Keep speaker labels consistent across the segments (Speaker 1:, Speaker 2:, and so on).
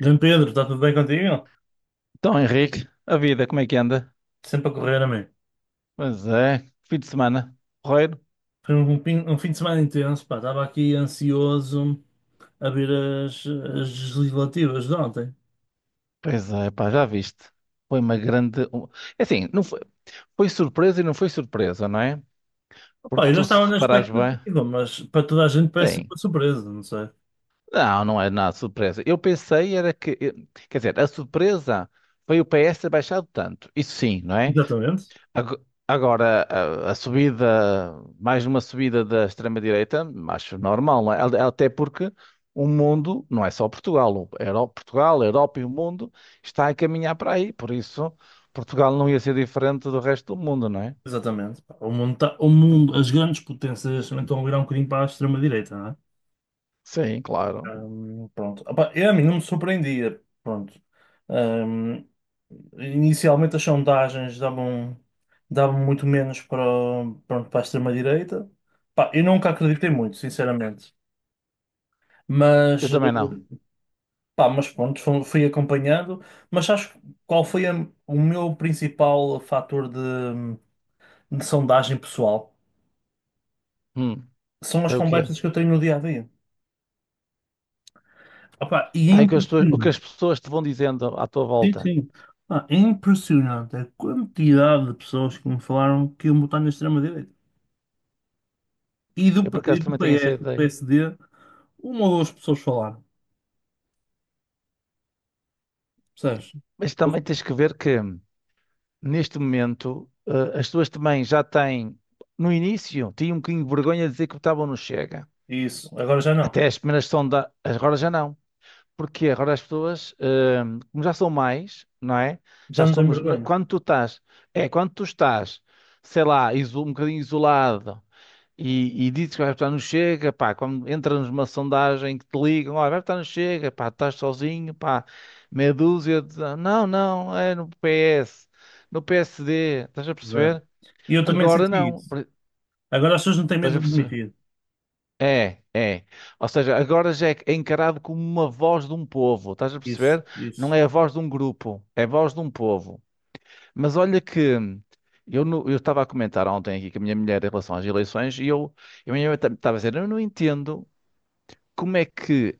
Speaker 1: João Pedro, está tudo bem contigo?
Speaker 2: Então, Henrique, a vida, como é que anda?
Speaker 1: Sempre a correr a mim.
Speaker 2: Pois é, fim de semana, porreiro.
Speaker 1: Foi um fim de semana intenso, pá. Estava aqui ansioso a ver as legislativas de ontem.
Speaker 2: Pois é, pá, já viste. Foi uma grande. Assim, não foi, foi surpresa e não foi surpresa, não é?
Speaker 1: Pá,
Speaker 2: Porque
Speaker 1: eu já
Speaker 2: tu, se
Speaker 1: estava na
Speaker 2: reparares bem,
Speaker 1: expectativa, mas para toda a gente parece
Speaker 2: sim.
Speaker 1: uma surpresa, não sei.
Speaker 2: Não, não é nada surpresa. Eu pensei era Quer dizer, a surpresa foi o PS ter baixado tanto. Isso sim, não é?
Speaker 1: Exatamente.
Speaker 2: Ago- Agora, a subida mais uma subida da extrema-direita, acho normal, não é? Até porque o mundo, não é só Portugal, Portugal, a Europa e o mundo está a caminhar para aí, por isso Portugal não ia ser diferente do resto do mundo, não é?
Speaker 1: Exatamente, pá. O mundo, as grandes potências neste momento estão a virar um bocadinho para a extrema-direita.
Speaker 2: Sim, claro.
Speaker 1: Pronto. Opa, eu, a mim não me surpreendia. Pronto. Hum, Inicialmente as sondagens davam muito menos pronto, para a extrema-direita. Pá, eu nunca acreditei muito, sinceramente.
Speaker 2: Eu
Speaker 1: Mas,
Speaker 2: também não.
Speaker 1: pá, mas pronto, fui acompanhando. Mas acho, qual foi a- o meu principal fator de sondagem pessoal?
Speaker 2: Hum,
Speaker 1: São as
Speaker 2: é o quê?
Speaker 1: conversas que eu tenho no dia a dia. Opa, e é
Speaker 2: Ai, o que as
Speaker 1: impressionante.
Speaker 2: pessoas te vão dizendo à tua
Speaker 1: Sim,
Speaker 2: volta.
Speaker 1: sim. Ah, é impressionante a quantidade de pessoas que me falaram que iam votar na extrema-direita. E do,
Speaker 2: Eu por
Speaker 1: P- e
Speaker 2: acaso
Speaker 1: do
Speaker 2: também tenho essa
Speaker 1: PS, do
Speaker 2: ideia.
Speaker 1: PSD, uma ou duas pessoas falaram. Percebes?
Speaker 2: Mas também tens que ver que neste momento as pessoas também já têm, no início, tinham um bocadinho de vergonha de dizer que votavam no Chega.
Speaker 1: Isso. Agora já não.
Speaker 2: Até as primeiras sondagens, agora já não. Porque agora as pessoas, como já são mais, não é?
Speaker 1: Já
Speaker 2: Já
Speaker 1: não tenho
Speaker 2: somos,
Speaker 1: vergonha.
Speaker 2: quando tu estás, é, quando tu estás, sei lá, um bocadinho isolado e dizes que vais votar no Chega, pá, quando entras numa sondagem que te ligam, olha, vai votar no Chega, pá, estás sozinho, pá, meia dúzia, de. Não, não, é no PS, no PSD, estás a
Speaker 1: Zé.
Speaker 2: perceber?
Speaker 1: E eu também
Speaker 2: Agora
Speaker 1: senti
Speaker 2: não,
Speaker 1: isso. Agora as pessoas não têm
Speaker 2: Estás a
Speaker 1: medo de
Speaker 2: perceber?
Speaker 1: admitir.
Speaker 2: É, é. Ou seja, agora já é encarado como uma voz de um povo, estás a
Speaker 1: Isso,
Speaker 2: perceber? Não
Speaker 1: isso.
Speaker 2: é a voz de um grupo, é a voz de um povo. Mas olha que eu no- eu estava a comentar ontem aqui com a minha mulher em relação às eleições e eu, e a minha mulher estava a dizer, eu não entendo como é que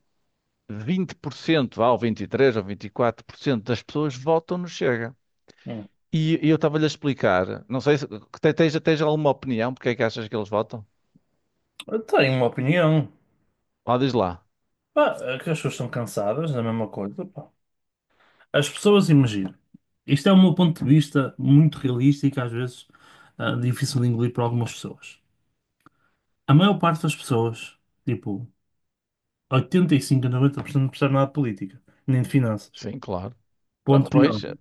Speaker 2: 20%, vá, ou 23% ou 24% das pessoas votam no Chega.
Speaker 1: Hum.
Speaker 2: E eu estava-lhe a explicar, não sei se tens alguma opinião porque é que achas que eles votam?
Speaker 1: Eu tenho uma opinião.
Speaker 2: Lá diz lá.
Speaker 1: Pá, é que as pessoas estão cansadas da mesma coisa, pá. As pessoas, imagino. Isto é o meu ponto de vista muito realista e que, às vezes, ah, difícil de engolir para algumas pessoas. A maior parte das pessoas, tipo 85 a 90%, não percebe nada de política, nem de finanças.
Speaker 2: Sim, claro. Ah,
Speaker 1: Ponto final.
Speaker 2: pois,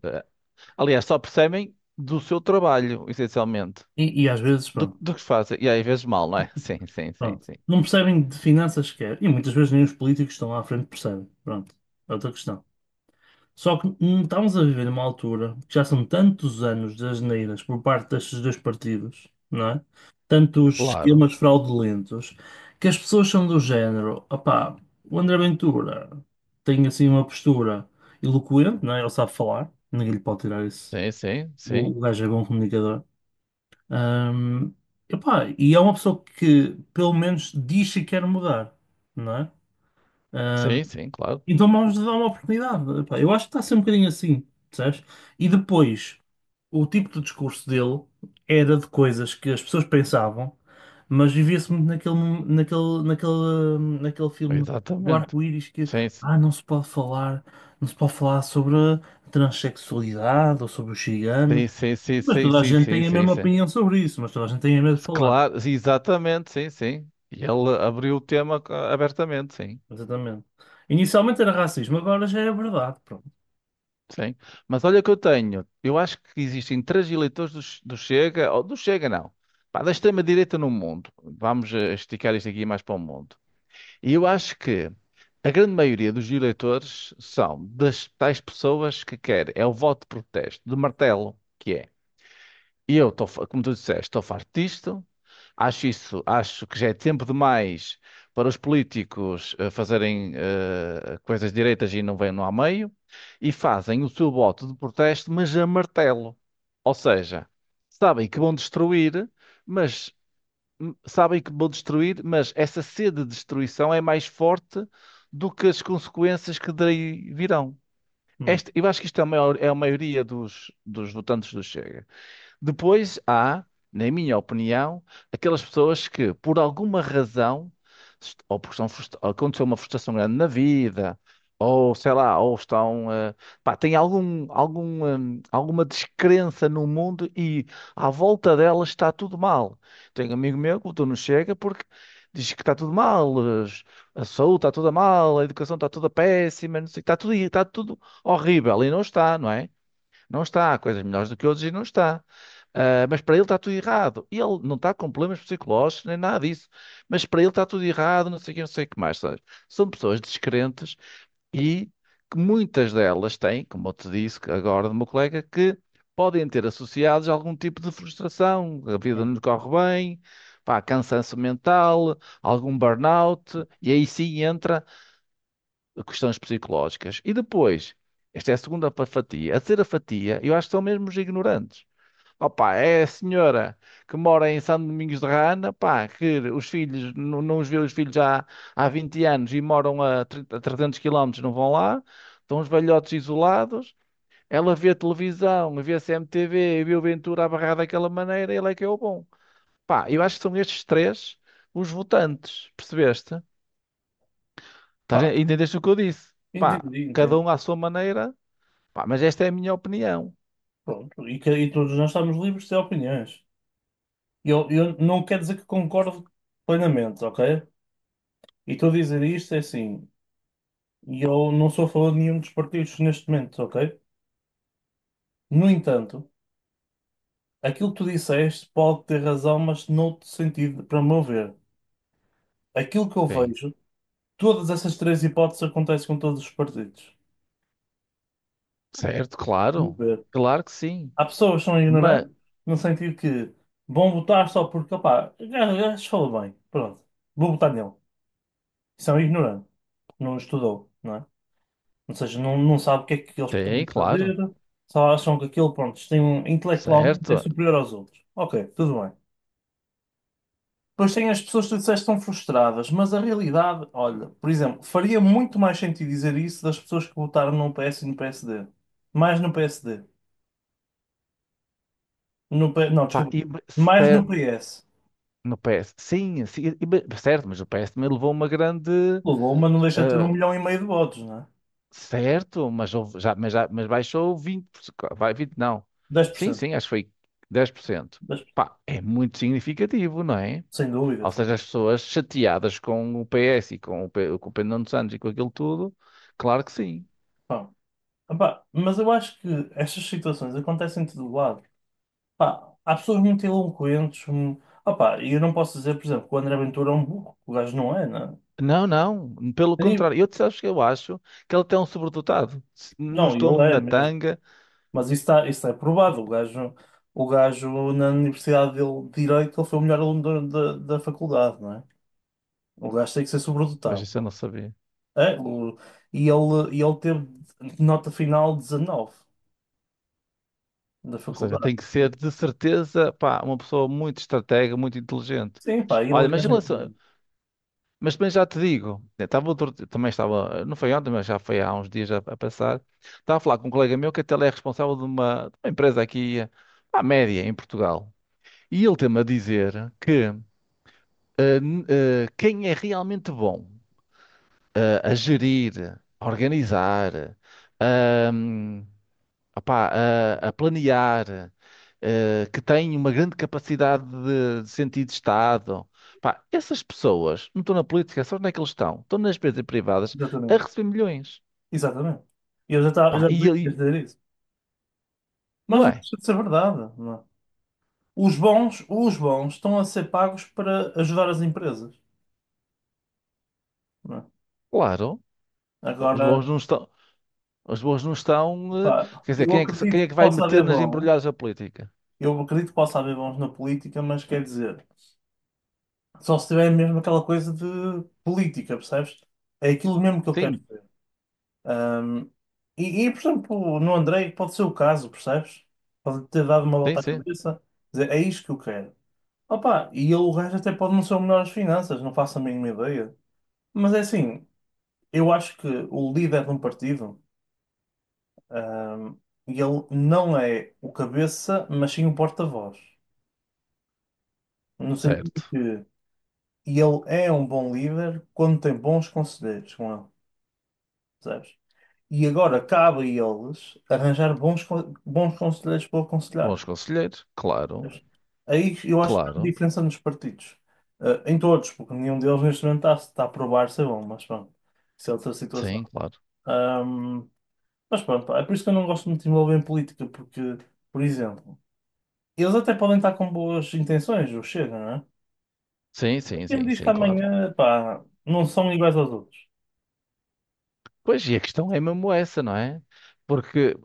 Speaker 2: aliás, só percebem do seu trabalho, essencialmente.
Speaker 1: E às vezes,
Speaker 2: Do,
Speaker 1: pronto,
Speaker 2: do que fazem. E às vezes mal, não é? Sim, sim, sim,
Speaker 1: pronto.
Speaker 2: sim.
Speaker 1: Não percebem de finanças sequer. E muitas vezes nem os políticos que estão lá à frente percebem. Pronto. É outra questão. Só que, estamos a viver numa altura que já são tantos anos de asneiras por parte destes dois partidos, não é? Tantos
Speaker 2: Claro.
Speaker 1: esquemas fraudulentos, que as pessoas são do género, opá, o André Ventura tem assim uma postura eloquente, não é? Ele sabe falar, ninguém lhe pode tirar isso.
Speaker 2: Sim, sim,
Speaker 1: O,
Speaker 2: sim.
Speaker 1: o gajo é bom comunicador. Hum, Epá, e é uma pessoa que pelo menos diz que quer mudar, não é?
Speaker 2: Sim,
Speaker 1: Hum,
Speaker 2: sim, claro.
Speaker 1: então vamos dar uma oportunidade. Epá, eu acho que está a ser um bocadinho assim, percebes? E depois, o tipo de discurso dele era de coisas que as pessoas pensavam, mas vivia-se muito naquele, mom- naquele, naquele, naquele filme do
Speaker 2: Exatamente.
Speaker 1: arco-íris que,
Speaker 2: Sim, sim,
Speaker 1: ah, não se pode falar, não se pode falar sobre a transexualidade ou sobre os ciganos.
Speaker 2: sim, sim, sim,
Speaker 1: Mas
Speaker 2: sim,
Speaker 1: toda a gente
Speaker 2: sim,
Speaker 1: tem a
Speaker 2: sim,
Speaker 1: mesma
Speaker 2: sim.
Speaker 1: opinião sobre isso, mas toda a gente tem medo de falar.
Speaker 2: Claro, exatamente, sim, sim. E ele abriu o tema ah, abertamente, sim.
Speaker 1: Exatamente. Inicialmente era racismo, agora já é verdade. Pronto.
Speaker 2: Sim. Mas olha o que eu tenho. Eu acho que existem três eleitores do Chega, ou do Chega não, pá, da extrema-direita no mundo. Vamos esticar isto aqui mais para o mundo. E eu acho que a grande maioria dos eleitores são das tais pessoas que querem. É o voto de protesto, de martelo, que é. E eu, como tu disseste, estou farto disto. Acho isso, acho que já é tempo demais para os políticos fazerem coisas direitas e não vêm lá a meio, e fazem o seu voto de protesto, mas a martelo. Ou seja, sabem que vão destruir, mas sabem que vão destruir, mas essa sede de destruição é mais forte do que as consequências que daí virão.
Speaker 1: Hum,
Speaker 2: Este, eu acho que isto é é a maioria dos votantes do Chega. Depois há, na minha opinião, aquelas pessoas que, por alguma razão, ou porque ou aconteceu uma frustração grande na vida, ou sei lá, ou estão, pá, têm alguma descrença no mundo e à volta delas está tudo mal. Tenho um amigo meu que votou no Chega porque diz que está tudo mal, as- a saúde está toda mal, a educação está toda péssima, não sei, está tudo horrível e não está, não é? Não está, há coisas melhores do que outros e não está. Ah, mas para ele está tudo errado. E ele não está com problemas psicológicos nem nada disso. Mas para ele está tudo errado, não sei o que, não sei o que mais. Sabes? São pessoas descrentes e que muitas delas têm, como eu te disse que agora do meu colega, que podem ter associados algum tipo de frustração. A vida
Speaker 1: hum.
Speaker 2: não lhe corre bem, pá, cansanço mental, algum burnout. E aí sim entra questões psicológicas. E depois, esta é a fatia. A terceira fatia, eu acho que são mesmo os ignorantes. Opa, é a senhora que mora em São Domingos de Rana, pá, que os filhos, não, não os vê os filhos há 20 anos e moram a, 30 a 300 quilómetros, não vão lá, estão os velhotes isolados, ela vê televisão, vê a CMTV, e vê o Ventura a barrar daquela maneira, ele é que é o bom. Pá, eu acho que são estes três os votantes, percebeste?
Speaker 1: Pá,
Speaker 2: Entendeste o que eu disse? Pá,
Speaker 1: entendi,
Speaker 2: cada
Speaker 1: entendi.
Speaker 2: um à sua maneira, pá, mas esta é a minha opinião.
Speaker 1: Pronto, e, que, e todos nós estamos livres de ter opiniões. Eu não quero dizer que concordo plenamente, ok? E estou a dizer isto é assim, e eu não sou a favor de nenhum dos partidos neste momento, ok? No entanto, aquilo que tu disseste pode ter razão, mas noutro sentido, para o meu ver. Aquilo que eu
Speaker 2: Sim.
Speaker 1: vejo, todas essas três hipóteses acontecem com todos os partidos.
Speaker 2: Certo,
Speaker 1: No
Speaker 2: claro.
Speaker 1: meu ver.
Speaker 2: Claro que sim.
Speaker 1: Há pessoas que são
Speaker 2: Mas,
Speaker 1: ignorantes, no sentido que vão votar só porque, opá, o gajo falou bem, pronto, vou votar nele. São ignorantes, não estudou, não é? Ou seja, não, não sabe o que é que eles podem
Speaker 2: sim, claro.
Speaker 1: fazer, só acham que aquilo, pronto, tem um, intelectualmente é
Speaker 2: Certo.
Speaker 1: superior aos outros. Ok, tudo bem. Depois tem as pessoas que tu disseste que estão frustradas, mas a realidade, olha, por exemplo, faria muito mais sentido dizer isso das pessoas que votaram no PS e no PSD. Mais no PSD. Não,
Speaker 2: Pá,
Speaker 1: desculpa.
Speaker 2: e,
Speaker 1: Mais no
Speaker 2: cer-
Speaker 1: PS.
Speaker 2: no PS, sim, sim, certo, mas o PS também levou uma grande.
Speaker 1: O Luma não deixa de ter um
Speaker 2: eh,
Speaker 1: milhão e meio de votos, não é?
Speaker 2: Certo, mas, mas baixou 20%. Vai, 20 não.
Speaker 1: dez por
Speaker 2: Sim,
Speaker 1: cento
Speaker 2: sim, acho que foi 10%.
Speaker 1: 10%.
Speaker 2: Pá, é muito significativo, não é?
Speaker 1: Sem dúvida.
Speaker 2: Ou
Speaker 1: Sem
Speaker 2: seja, as pessoas chateadas com o PS e com o, com o Pedro Nuno Santos e com aquilo tudo, claro que sim.
Speaker 1: dúvida. Epá, mas eu acho que estas situações acontecem de todo lado. Pá, há pessoas muito eloquentes, opá, e eu não posso dizer, por exemplo, que o André Ventura é um burro. O gajo não é, né?
Speaker 2: Não, não, pelo
Speaker 1: E-
Speaker 2: contrário, eu, sabes que eu acho que ele até é um sobredotado. Se não
Speaker 1: não,
Speaker 2: estou
Speaker 1: ele é
Speaker 2: na
Speaker 1: mesmo.
Speaker 2: tanga,
Speaker 1: Mas isso, está, isso é provado. O gajo na Universidade dele, de Direito, ele foi o melhor aluno da faculdade, não é? O gajo tem que ser
Speaker 2: mas
Speaker 1: sobredotado.
Speaker 2: isso eu não sabia.
Speaker 1: É. E ele teve nota final 19 da
Speaker 2: Ou seja,
Speaker 1: faculdade.
Speaker 2: tem que ser de certeza, pá, uma pessoa muito estratega, muito inteligente.
Speaker 1: Sim, pá,
Speaker 2: Olha,
Speaker 1: ele é
Speaker 2: mas em
Speaker 1: gente é.
Speaker 2: relação, mas também já te digo, eu estava outro, também estava, não foi ontem, mas já foi há uns dias a passar, estava a falar com um colega meu que até ele é responsável de de uma empresa aqui, à média, em Portugal. E ele tem-me a dizer que quem é realmente bom a gerir, a organizar, ahm, opá, a planear, que tem uma grande capacidade de sentido de Estado, pá, essas pessoas não estão na política, só onde é que eles estão? Estão nas empresas privadas a
Speaker 1: Exatamente.
Speaker 2: receber milhões.
Speaker 1: Exatamente. E eu já estava,
Speaker 2: Pá,
Speaker 1: já
Speaker 2: e,
Speaker 1: devia
Speaker 2: ele
Speaker 1: dizer isso. Mas
Speaker 2: não
Speaker 1: não
Speaker 2: é?
Speaker 1: deixa de ser verdade, não é? Os bons estão a ser pagos para ajudar as empresas, não é?
Speaker 2: Claro, os
Speaker 1: Agora,
Speaker 2: bons não estão. Os bons não estão.
Speaker 1: pá,
Speaker 2: Quer dizer, quem é que vai meter nas embrulhadas da política?
Speaker 1: eu acredito que possa haver bons na política, mas quer dizer, só se tiver mesmo aquela coisa de política, percebes? É aquilo mesmo que eu quero
Speaker 2: Sim,
Speaker 1: ver. Ahm, por exemplo, no Andrei pode ser o caso, percebes? Pode ter dado uma
Speaker 2: sim,
Speaker 1: volta à
Speaker 2: sim.
Speaker 1: cabeça, quer dizer, é isto que eu quero. Opa, e ele, o gajo até pode não ser o melhor às finanças, não faço a mínima ideia. Mas é assim, eu acho que o líder de um partido, ahm, ele não é o cabeça, mas sim o porta-voz. No sentido
Speaker 2: Certo.
Speaker 1: que ele é um bom líder quando tem bons conselheiros com ele, percebes? E agora cabe a eles arranjar bons conselheiros para o aconselhar.
Speaker 2: Bons conselheiros, claro,
Speaker 1: Aí eu acho que não há
Speaker 2: claro.
Speaker 1: diferença nos partidos. Ah, em todos, porque nenhum deles neste momento está a provar ser bom, mas pronto, isso é outra situação.
Speaker 2: Sim, claro.
Speaker 1: Ahm, mas pronto, pá, é por isso que eu não gosto muito de me envolver em política, porque, por exemplo, eles até podem estar com boas intenções, o Chega, não é?
Speaker 2: Sim,
Speaker 1: Mas
Speaker 2: sim,
Speaker 1: quem
Speaker 2: sim,
Speaker 1: me diz que
Speaker 2: sim, claro.
Speaker 1: amanhã, pá, não são iguais aos outros?
Speaker 2: Pois, e a questão é mesmo essa, não é? Porque,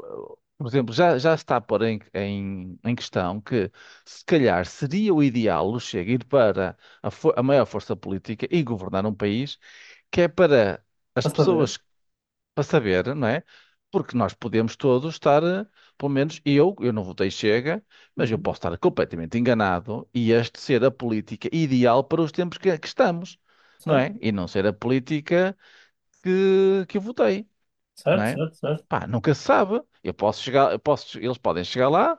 Speaker 2: por exemplo, já está por em questão que, se calhar, seria o ideal o Chega ir para a maior força política e governar um país que é para as
Speaker 1: Para saber?
Speaker 2: pessoas para saber, não é? Porque nós podemos todos estar, pelo menos eu não votei Chega, mas eu
Speaker 1: Uhum.
Speaker 2: posso estar completamente enganado e este ser a política ideal para os tempos que estamos, não
Speaker 1: Certo?
Speaker 2: é? E não ser a política que eu votei, não
Speaker 1: Certo,
Speaker 2: é?
Speaker 1: certo, certo.
Speaker 2: Pá, nunca se sabe. Eu posso chegar, eu posso, eles podem chegar lá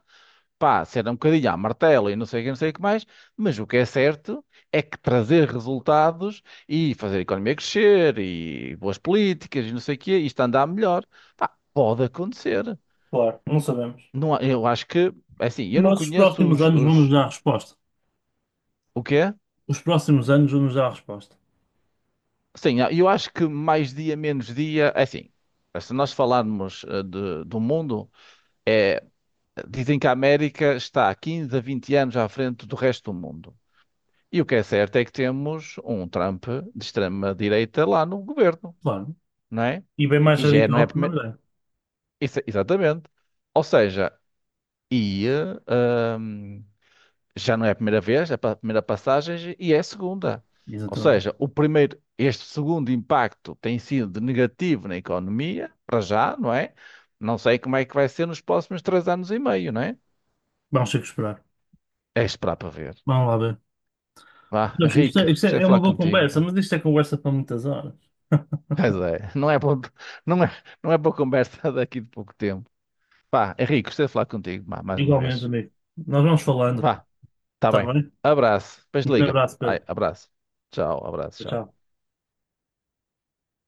Speaker 2: pá, será um bocadinho à martela e não sei o que, não sei o que mais, mas o que é certo é que trazer resultados e fazer a economia crescer e boas políticas e não sei o quê, isto andar melhor, pá, pode acontecer.
Speaker 1: Claro, não sabemos.
Speaker 2: Não, eu acho que, é assim, eu não
Speaker 1: Mas os
Speaker 2: conheço
Speaker 1: próximos anos vão nos dar a resposta.
Speaker 2: o quê?
Speaker 1: Os próximos anos vão nos dar a resposta.
Speaker 2: Sim, eu acho que mais dia, menos dia, é assim, se nós falarmos do mundo, é, dizem que a América está há 15 a 20 anos à frente do resto do mundo. E o que é certo é que temos um Trump de extrema-direita lá no governo,
Speaker 1: Claro.
Speaker 2: não é?
Speaker 1: E bem mais
Speaker 2: E já é, não é a
Speaker 1: radical que o
Speaker 2: primeira.
Speaker 1: André.
Speaker 2: Isso- Exatamente. Ou seja, e, eh, hum, já não é a primeira vez, é a primeira passagem e é a segunda. Ou
Speaker 1: Exatamente.
Speaker 2: seja, o primeiro, este segundo impacto tem sido negativo na economia, para já, não é? Não sei como é que vai ser nos próximos 3 anos e meio, não é?
Speaker 1: Vamos ter que esperar.
Speaker 2: É esperar para ver.
Speaker 1: Vamos lá ver.
Speaker 2: Vá,
Speaker 1: Mas isto
Speaker 2: Henrique,
Speaker 1: é, isto
Speaker 2: gostei
Speaker 1: é
Speaker 2: de
Speaker 1: é uma
Speaker 2: falar
Speaker 1: boa
Speaker 2: contigo.
Speaker 1: conversa,
Speaker 2: Pá.
Speaker 1: mas isto é conversa para muitas horas.
Speaker 2: Pois é, não é boa, não é, não é boa conversa daqui de pouco tempo. Vá, Henrique, gostei de falar contigo, vá, mais uma
Speaker 1: Igualmente,
Speaker 2: vez.
Speaker 1: amigo. Nós vamos falando,
Speaker 2: Vá, tá
Speaker 1: está
Speaker 2: bem.
Speaker 1: bem?
Speaker 2: Abraço, depois
Speaker 1: Um
Speaker 2: liga.
Speaker 1: abraço,
Speaker 2: Ai,
Speaker 1: Pedro.
Speaker 2: abraço. Tchau, abraço, tchau.
Speaker 1: Tchau.